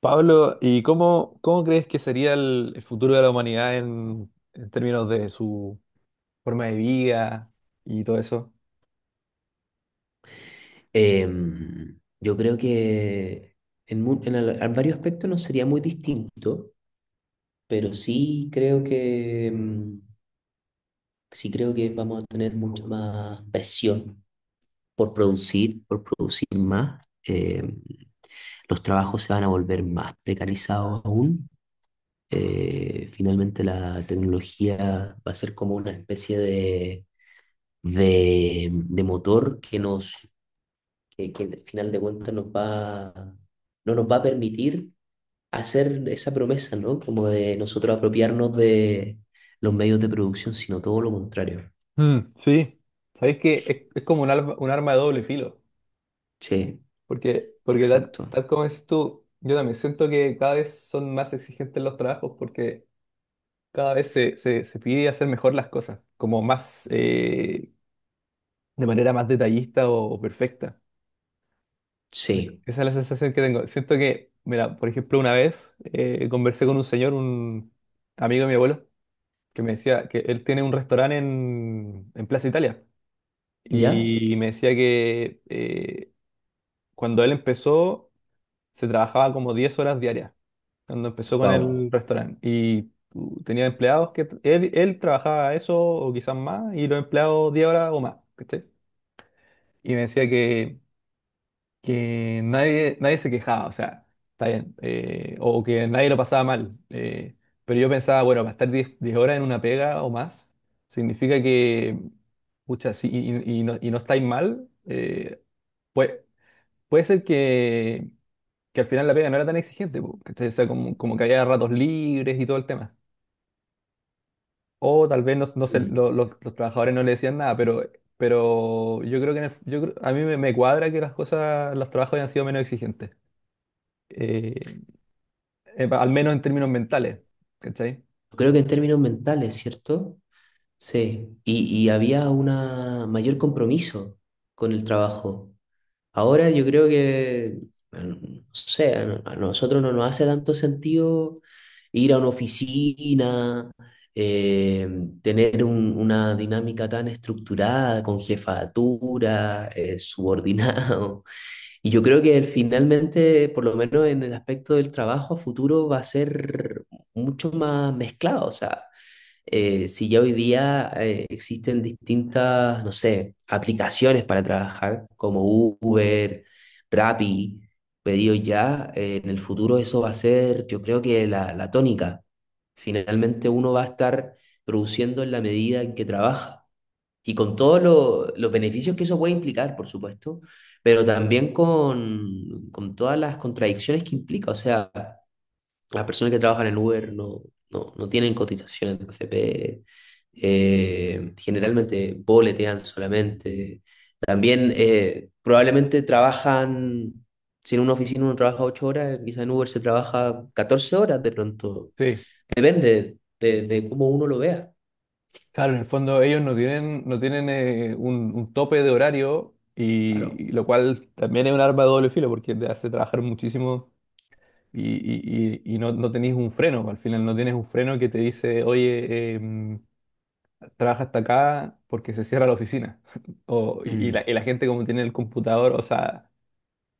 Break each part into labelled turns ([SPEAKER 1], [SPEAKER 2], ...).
[SPEAKER 1] Pablo, ¿y cómo crees que sería el futuro de la humanidad en términos de su forma de vida y todo eso?
[SPEAKER 2] Yo creo que en, mu- en al- en varios aspectos no sería muy distinto, pero sí creo que sí creo que vamos a tener mucha más presión por producir más. Los trabajos se van a volver más precarizados aún. Finalmente la tecnología va a ser como una especie de, de motor que al final de cuentas no nos va a permitir hacer esa promesa, ¿no? Como de nosotros apropiarnos de los medios de producción, sino todo lo contrario.
[SPEAKER 1] Mm, sí, sabéis que es como un arma de doble filo,
[SPEAKER 2] Sí,
[SPEAKER 1] porque, porque tal,
[SPEAKER 2] exacto.
[SPEAKER 1] tal como dices tú, yo también siento que cada vez son más exigentes los trabajos porque cada vez se pide hacer mejor las cosas, como más de manera más detallista o perfecta. Es-
[SPEAKER 2] Sí.
[SPEAKER 1] Esa es la sensación que tengo. Siento que, mira, por ejemplo, una vez conversé con un señor, un amigo de mi abuelo, que me decía que él tiene un restaurante en Plaza Italia.
[SPEAKER 2] ¿Ya?
[SPEAKER 1] Y me decía que cuando él empezó, se trabajaba como 10 horas diarias, cuando empezó con
[SPEAKER 2] Wow.
[SPEAKER 1] el restaurante. Y tenía empleados que él trabajaba eso o quizás más, y los empleados 10 horas o más. ¿Cachai? Y me decía que nadie se quejaba, o sea, está bien, o que nadie lo pasaba mal. Pero yo pensaba, bueno, para estar 10 10 horas en una pega o más, significa que, pucha, si y no, y no estáis mal, puede, puede ser que al final la pega no era tan exigente, po, ¿cachai? O sea, como, como que había ratos libres y todo el tema. O tal vez no se- lo- los trabajadores no le decían nada, pero yo creo que en el- yo creo- a mí me cuadra que las cosas, los trabajos hayan sido menos exigentes. Eh, Al menos en términos mentales, ¿cachai?
[SPEAKER 2] Creo que en términos mentales, ¿cierto? Sí. Y había un mayor compromiso con el trabajo. Ahora yo creo que, bueno, no sé, a nosotros no nos hace tanto sentido ir a una oficina, eh, tener una dinámica tan estructurada, con jefatura, subordinado. Y yo creo que finalmente, por lo menos en el aspecto del trabajo a futuro, va a ser mucho más mezclado. O sea, si ya hoy día existen distintas, no sé, aplicaciones para trabajar como Uber, Rappi, Pedido Ya, en el futuro eso va a ser, yo creo que la tónica. Finalmente uno va a estar produciendo en la medida en que trabaja y con todos los beneficios que eso puede implicar, por supuesto, pero también con todas las contradicciones que implica. O sea, las personas que trabajan en Uber no tienen cotización en FP, generalmente boletean solamente. También probablemente trabajan, si en una oficina uno trabaja 8 horas, quizá en Uber se trabaja 14 horas de pronto.
[SPEAKER 1] Sí,
[SPEAKER 2] Depende de cómo uno lo vea,
[SPEAKER 1] claro, en el fondo ellos no tienen, no tienen un tope de horario
[SPEAKER 2] claro.
[SPEAKER 1] y lo cual también es un arma de doble filo porque te hace trabajar muchísimo y no, no tenés un freno, al final no tienes un freno que te dice, oye, trabaja hasta acá porque se cierra la oficina. O,
[SPEAKER 2] Mm,
[SPEAKER 1] y la gente como tiene el computador, o sea,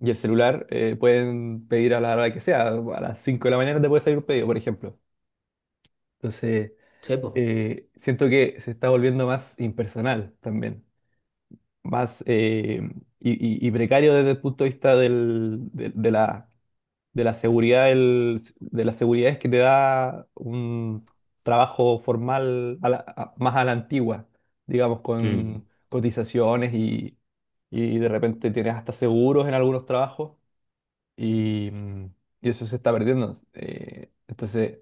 [SPEAKER 1] y el celular, pueden pedir a la hora que sea, a las 5 de la mañana te puede salir un pedido, por ejemplo. Entonces,
[SPEAKER 2] sí, po.
[SPEAKER 1] siento que se está volviendo más impersonal también, más y, y precario desde el punto de vista de la seguridad, de las seguridades que te da un trabajo formal más a la antigua, digamos,
[SPEAKER 2] Mm.
[SPEAKER 1] con cotizaciones y de repente tienes hasta seguros en algunos trabajos y, y eso se está perdiendo. Entonces,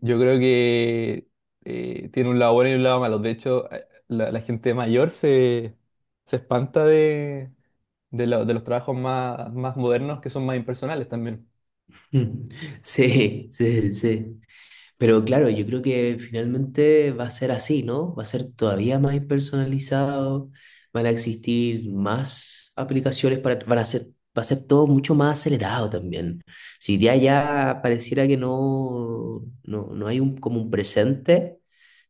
[SPEAKER 1] yo creo que tiene un lado bueno y un lado malo. De hecho, la gente mayor se, se espanta de, de los trabajos más, más modernos que son más impersonales también.
[SPEAKER 2] Sí, sí, sí. Pero claro, yo creo que finalmente va a ser así, ¿no? Va a ser todavía más personalizado, van a existir más aplicaciones para, van a ser, va a ser todo mucho más acelerado también. Si ya pareciera que no hay un, como un presente,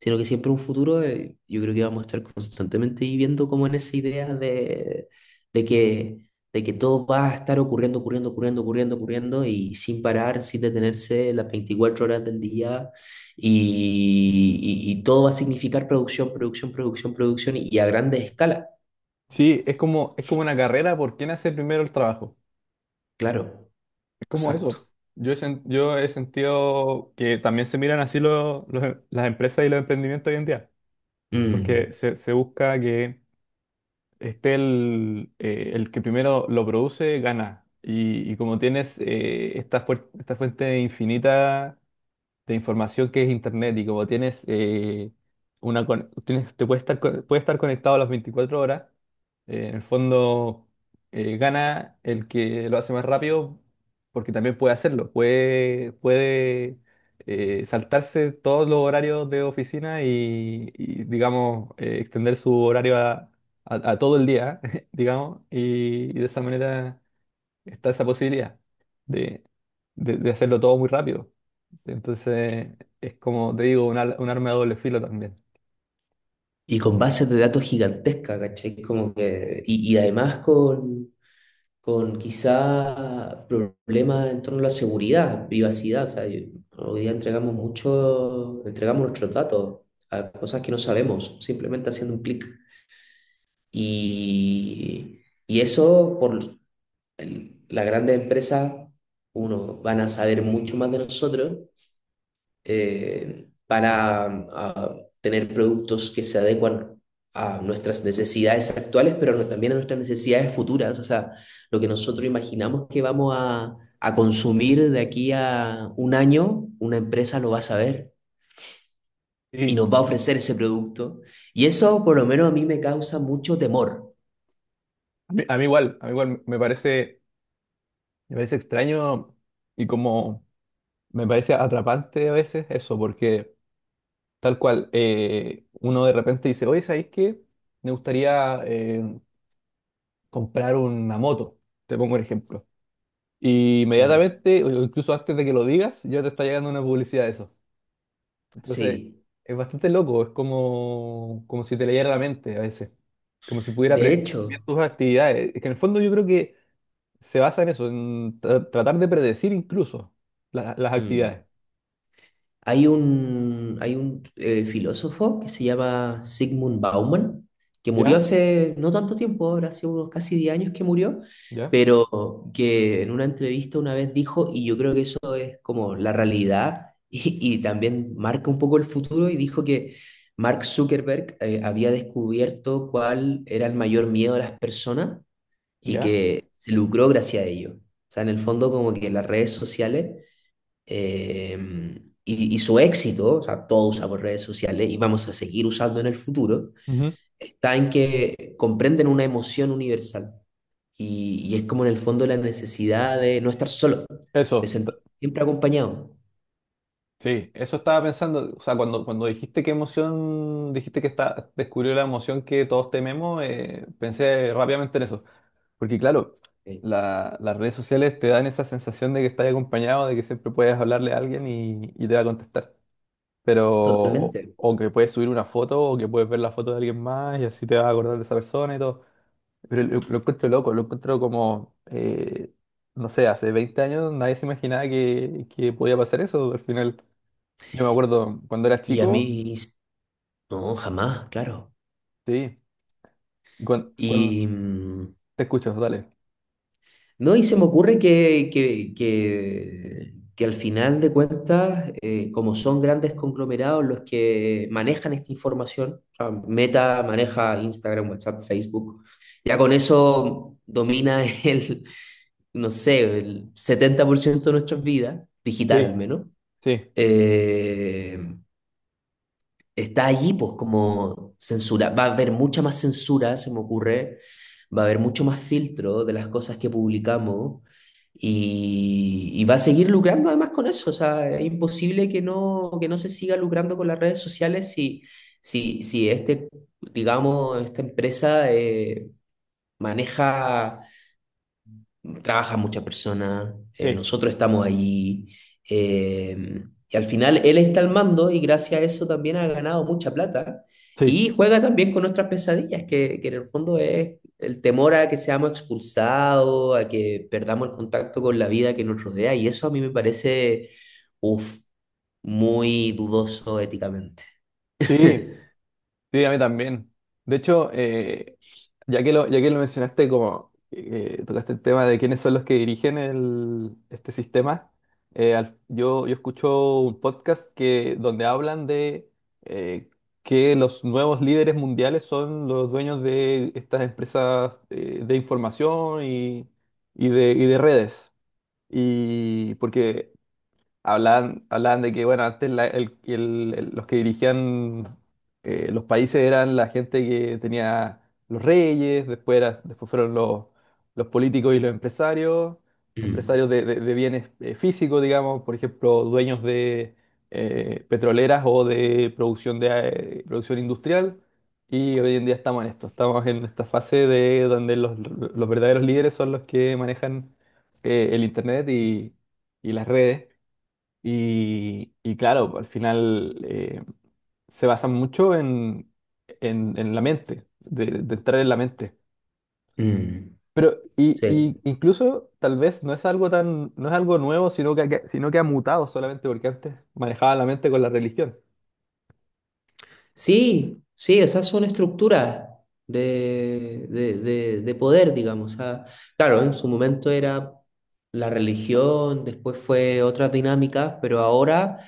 [SPEAKER 2] sino que siempre un futuro, yo creo que vamos a estar constantemente viviendo como en esa idea de, de que de que todo va a estar ocurriendo, ocurriendo, ocurriendo, ocurriendo, ocurriendo y sin parar, sin detenerse las 24 horas del día y, y todo va a significar producción, producción, producción, producción y a grande escala.
[SPEAKER 1] Sí, es como una carrera por quién hace primero el trabajo.
[SPEAKER 2] Claro,
[SPEAKER 1] Es como eso.
[SPEAKER 2] exacto.
[SPEAKER 1] Yo he sentido que también se miran así las empresas y los emprendimientos hoy en día,
[SPEAKER 2] Mm.
[SPEAKER 1] porque se busca que esté el que primero lo produce, gana. Y como tienes esta, esta fuente infinita de información que es Internet y como tienes, te puede estar, puede estar conectado a las 24 horas, en el fondo gana el que lo hace más rápido porque también puede hacerlo, puede saltarse todos los horarios de oficina y, digamos, extender su horario a todo el día, digamos, y de esa manera está esa posibilidad de, de hacerlo todo muy rápido. Entonces, es como te digo, un arma de doble filo también.
[SPEAKER 2] Y con bases de datos gigantescas, ¿cachai? Como que, y además con quizá problemas en torno a la seguridad, privacidad. O sea, yo- hoy día entregamos mucho, entregamos nuestros datos a cosas que no sabemos, simplemente haciendo un clic. Y, y eso por las grandes empresas, uno, van a saber mucho más de nosotros para ah, tener productos que se adecuan a nuestras necesidades actuales, pero no- también a nuestras necesidades futuras, o sea, lo que nosotros imaginamos que vamos a consumir de aquí a 1 año, una empresa lo va a saber y
[SPEAKER 1] Y
[SPEAKER 2] nos va a ofrecer ese producto. Y eso por lo menos a mí me causa mucho temor.
[SPEAKER 1] a mí igual me parece extraño y como me parece atrapante a veces eso, porque tal cual, uno de repente dice, oye, ¿sabéis qué? Me gustaría comprar una moto, te pongo un ejemplo. Y
[SPEAKER 2] Mm,
[SPEAKER 1] inmediatamente, o incluso antes de que lo digas, ya te está llegando una publicidad de eso. Entonces,
[SPEAKER 2] sí,
[SPEAKER 1] es bastante loco, es como, como si te leyera la mente a veces, como si pudiera
[SPEAKER 2] de
[SPEAKER 1] predecir muy bien
[SPEAKER 2] hecho,
[SPEAKER 1] tus actividades. Es que en el fondo yo creo que se basa en eso, en tratar de predecir incluso las
[SPEAKER 2] mm,
[SPEAKER 1] actividades.
[SPEAKER 2] hay un, hay un filósofo que se llama Sigmund Bauman, que murió
[SPEAKER 1] ¿Ya?
[SPEAKER 2] hace no tanto tiempo, ahora hace unos casi 10 años que murió,
[SPEAKER 1] ¿Ya?
[SPEAKER 2] pero que en una entrevista una vez dijo, y yo creo que eso es como la realidad y también marca un poco el futuro, y dijo que Mark Zuckerberg había descubierto cuál era el mayor miedo de las personas y
[SPEAKER 1] ¿Ya?
[SPEAKER 2] que se lucró gracias a ello. O sea, en el fondo como que las redes sociales eh, y su éxito, o sea, todos usamos redes sociales y vamos a seguir usando en el futuro,
[SPEAKER 1] Ujú.
[SPEAKER 2] está en que comprenden una emoción universal. Y es como en el fondo la necesidad de no estar solo, de
[SPEAKER 1] Eso,
[SPEAKER 2] sentir siempre acompañado.
[SPEAKER 1] sí, eso estaba pensando, o sea, cuando, cuando dijiste qué emoción, dijiste que está, descubrió la emoción que todos tememos, pensé rápidamente en eso. Porque claro,
[SPEAKER 2] Sí.
[SPEAKER 1] las redes sociales te dan esa sensación de que estás acompañado, de que siempre puedes hablarle a alguien y te va a contestar. Pero,
[SPEAKER 2] Totalmente.
[SPEAKER 1] o que puedes subir una foto, o que puedes ver la foto de alguien más y así te vas a acordar de esa persona y todo. Pero lo encuentro loco, lo encuentro como, no sé, hace 20 años nadie se imaginaba que podía pasar eso. Al final, yo me acuerdo cuando era
[SPEAKER 2] Y a
[SPEAKER 1] chico,
[SPEAKER 2] mí, no, jamás, claro.
[SPEAKER 1] sí, y cuando, cuando
[SPEAKER 2] Y, mm,
[SPEAKER 1] te escuchas, dale.
[SPEAKER 2] no, y se me ocurre que al final de cuentas, como son grandes conglomerados los que manejan esta información, o sea, Meta maneja Instagram, WhatsApp, Facebook, ya con eso domina el, no sé, el 70% de nuestras vidas, digital al
[SPEAKER 1] Sí,
[SPEAKER 2] menos.
[SPEAKER 1] sí,
[SPEAKER 2] Eh, Está allí, pues como censura. Va a haber mucha más censura, se me ocurre. Va a haber mucho más filtro de las cosas que publicamos y va a seguir lucrando además con eso. O sea, es imposible que no se siga lucrando con las redes sociales si este, digamos, esta empresa maneja trabaja mucha persona,
[SPEAKER 1] sí,
[SPEAKER 2] nosotros estamos allí, y al final él está al mando y gracias a eso también ha ganado mucha plata
[SPEAKER 1] sí,
[SPEAKER 2] y juega también con nuestras pesadillas, que en el fondo es el temor a que seamos expulsados, a que perdamos el contacto con la vida que nos rodea y eso a mí me parece, uf, muy dudoso éticamente.
[SPEAKER 1] sí. Sí, a mí también. De hecho, ya que lo mencionaste, como tocaste el tema de quiénes son los que dirigen el, este sistema, yo, yo escucho un podcast que, donde hablan de eh, que los nuevos líderes mundiales son los dueños de estas empresas de información y de redes. Y porque hablaban, hablaban de que, bueno, antes los que dirigían los países eran la gente que tenía los reyes, después, después fueron los políticos y los empresarios,
[SPEAKER 2] Mm,
[SPEAKER 1] empresarios de, de bienes físicos, digamos, por ejemplo, dueños de petroleras o de, producción industrial. Y hoy en día estamos en esto, estamos en esta fase de donde los verdaderos líderes son los que manejan el internet y las redes. Y claro, al final se basa mucho en la mente, de entrar en la mente.
[SPEAKER 2] mm,
[SPEAKER 1] Pero y
[SPEAKER 2] sí.
[SPEAKER 1] incluso tal vez no es algo tan, no es algo nuevo, sino que, sino que ha mutado solamente porque antes manejaba la mente con la religión.
[SPEAKER 2] Sí, sí, esas son estructuras de, de poder, digamos. O sea, claro, en su momento era la religión, después fue otras dinámicas, pero ahora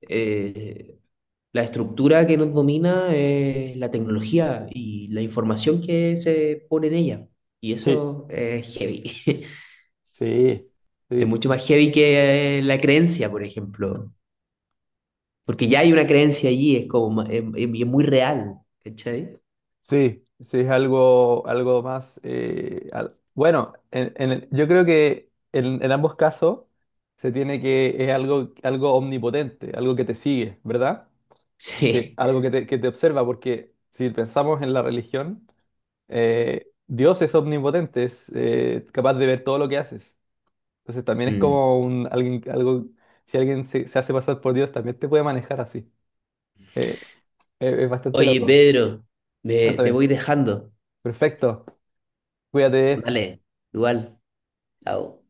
[SPEAKER 2] eh, la estructura que nos domina es la tecnología y la información que se pone en ella. Y
[SPEAKER 1] Sí,
[SPEAKER 2] eso es heavy.
[SPEAKER 1] sí,
[SPEAKER 2] Es
[SPEAKER 1] sí,
[SPEAKER 2] mucho más heavy que la creencia, por ejemplo. Porque ya hay una creencia allí, es como, y es muy real, ¿cachai?
[SPEAKER 1] sí, sí, es algo, algo más, bueno, yo creo que en ambos casos se tiene que, es algo, algo omnipotente, algo que te sigue, ¿verdad? Porque
[SPEAKER 2] Sí.
[SPEAKER 1] algo que te observa, porque si pensamos en la religión, Dios es omnipotente, es capaz de ver todo lo que haces. Entonces también es
[SPEAKER 2] Mm.
[SPEAKER 1] como un alguien, algo, si alguien se, se hace pasar por Dios, también te puede manejar así. Eh, es bastante
[SPEAKER 2] Oye,
[SPEAKER 1] loco.
[SPEAKER 2] Pedro, me, te
[SPEAKER 1] Cuéntame.
[SPEAKER 2] voy dejando.
[SPEAKER 1] Perfecto. Cuídate.
[SPEAKER 2] Dale, igual. Chao.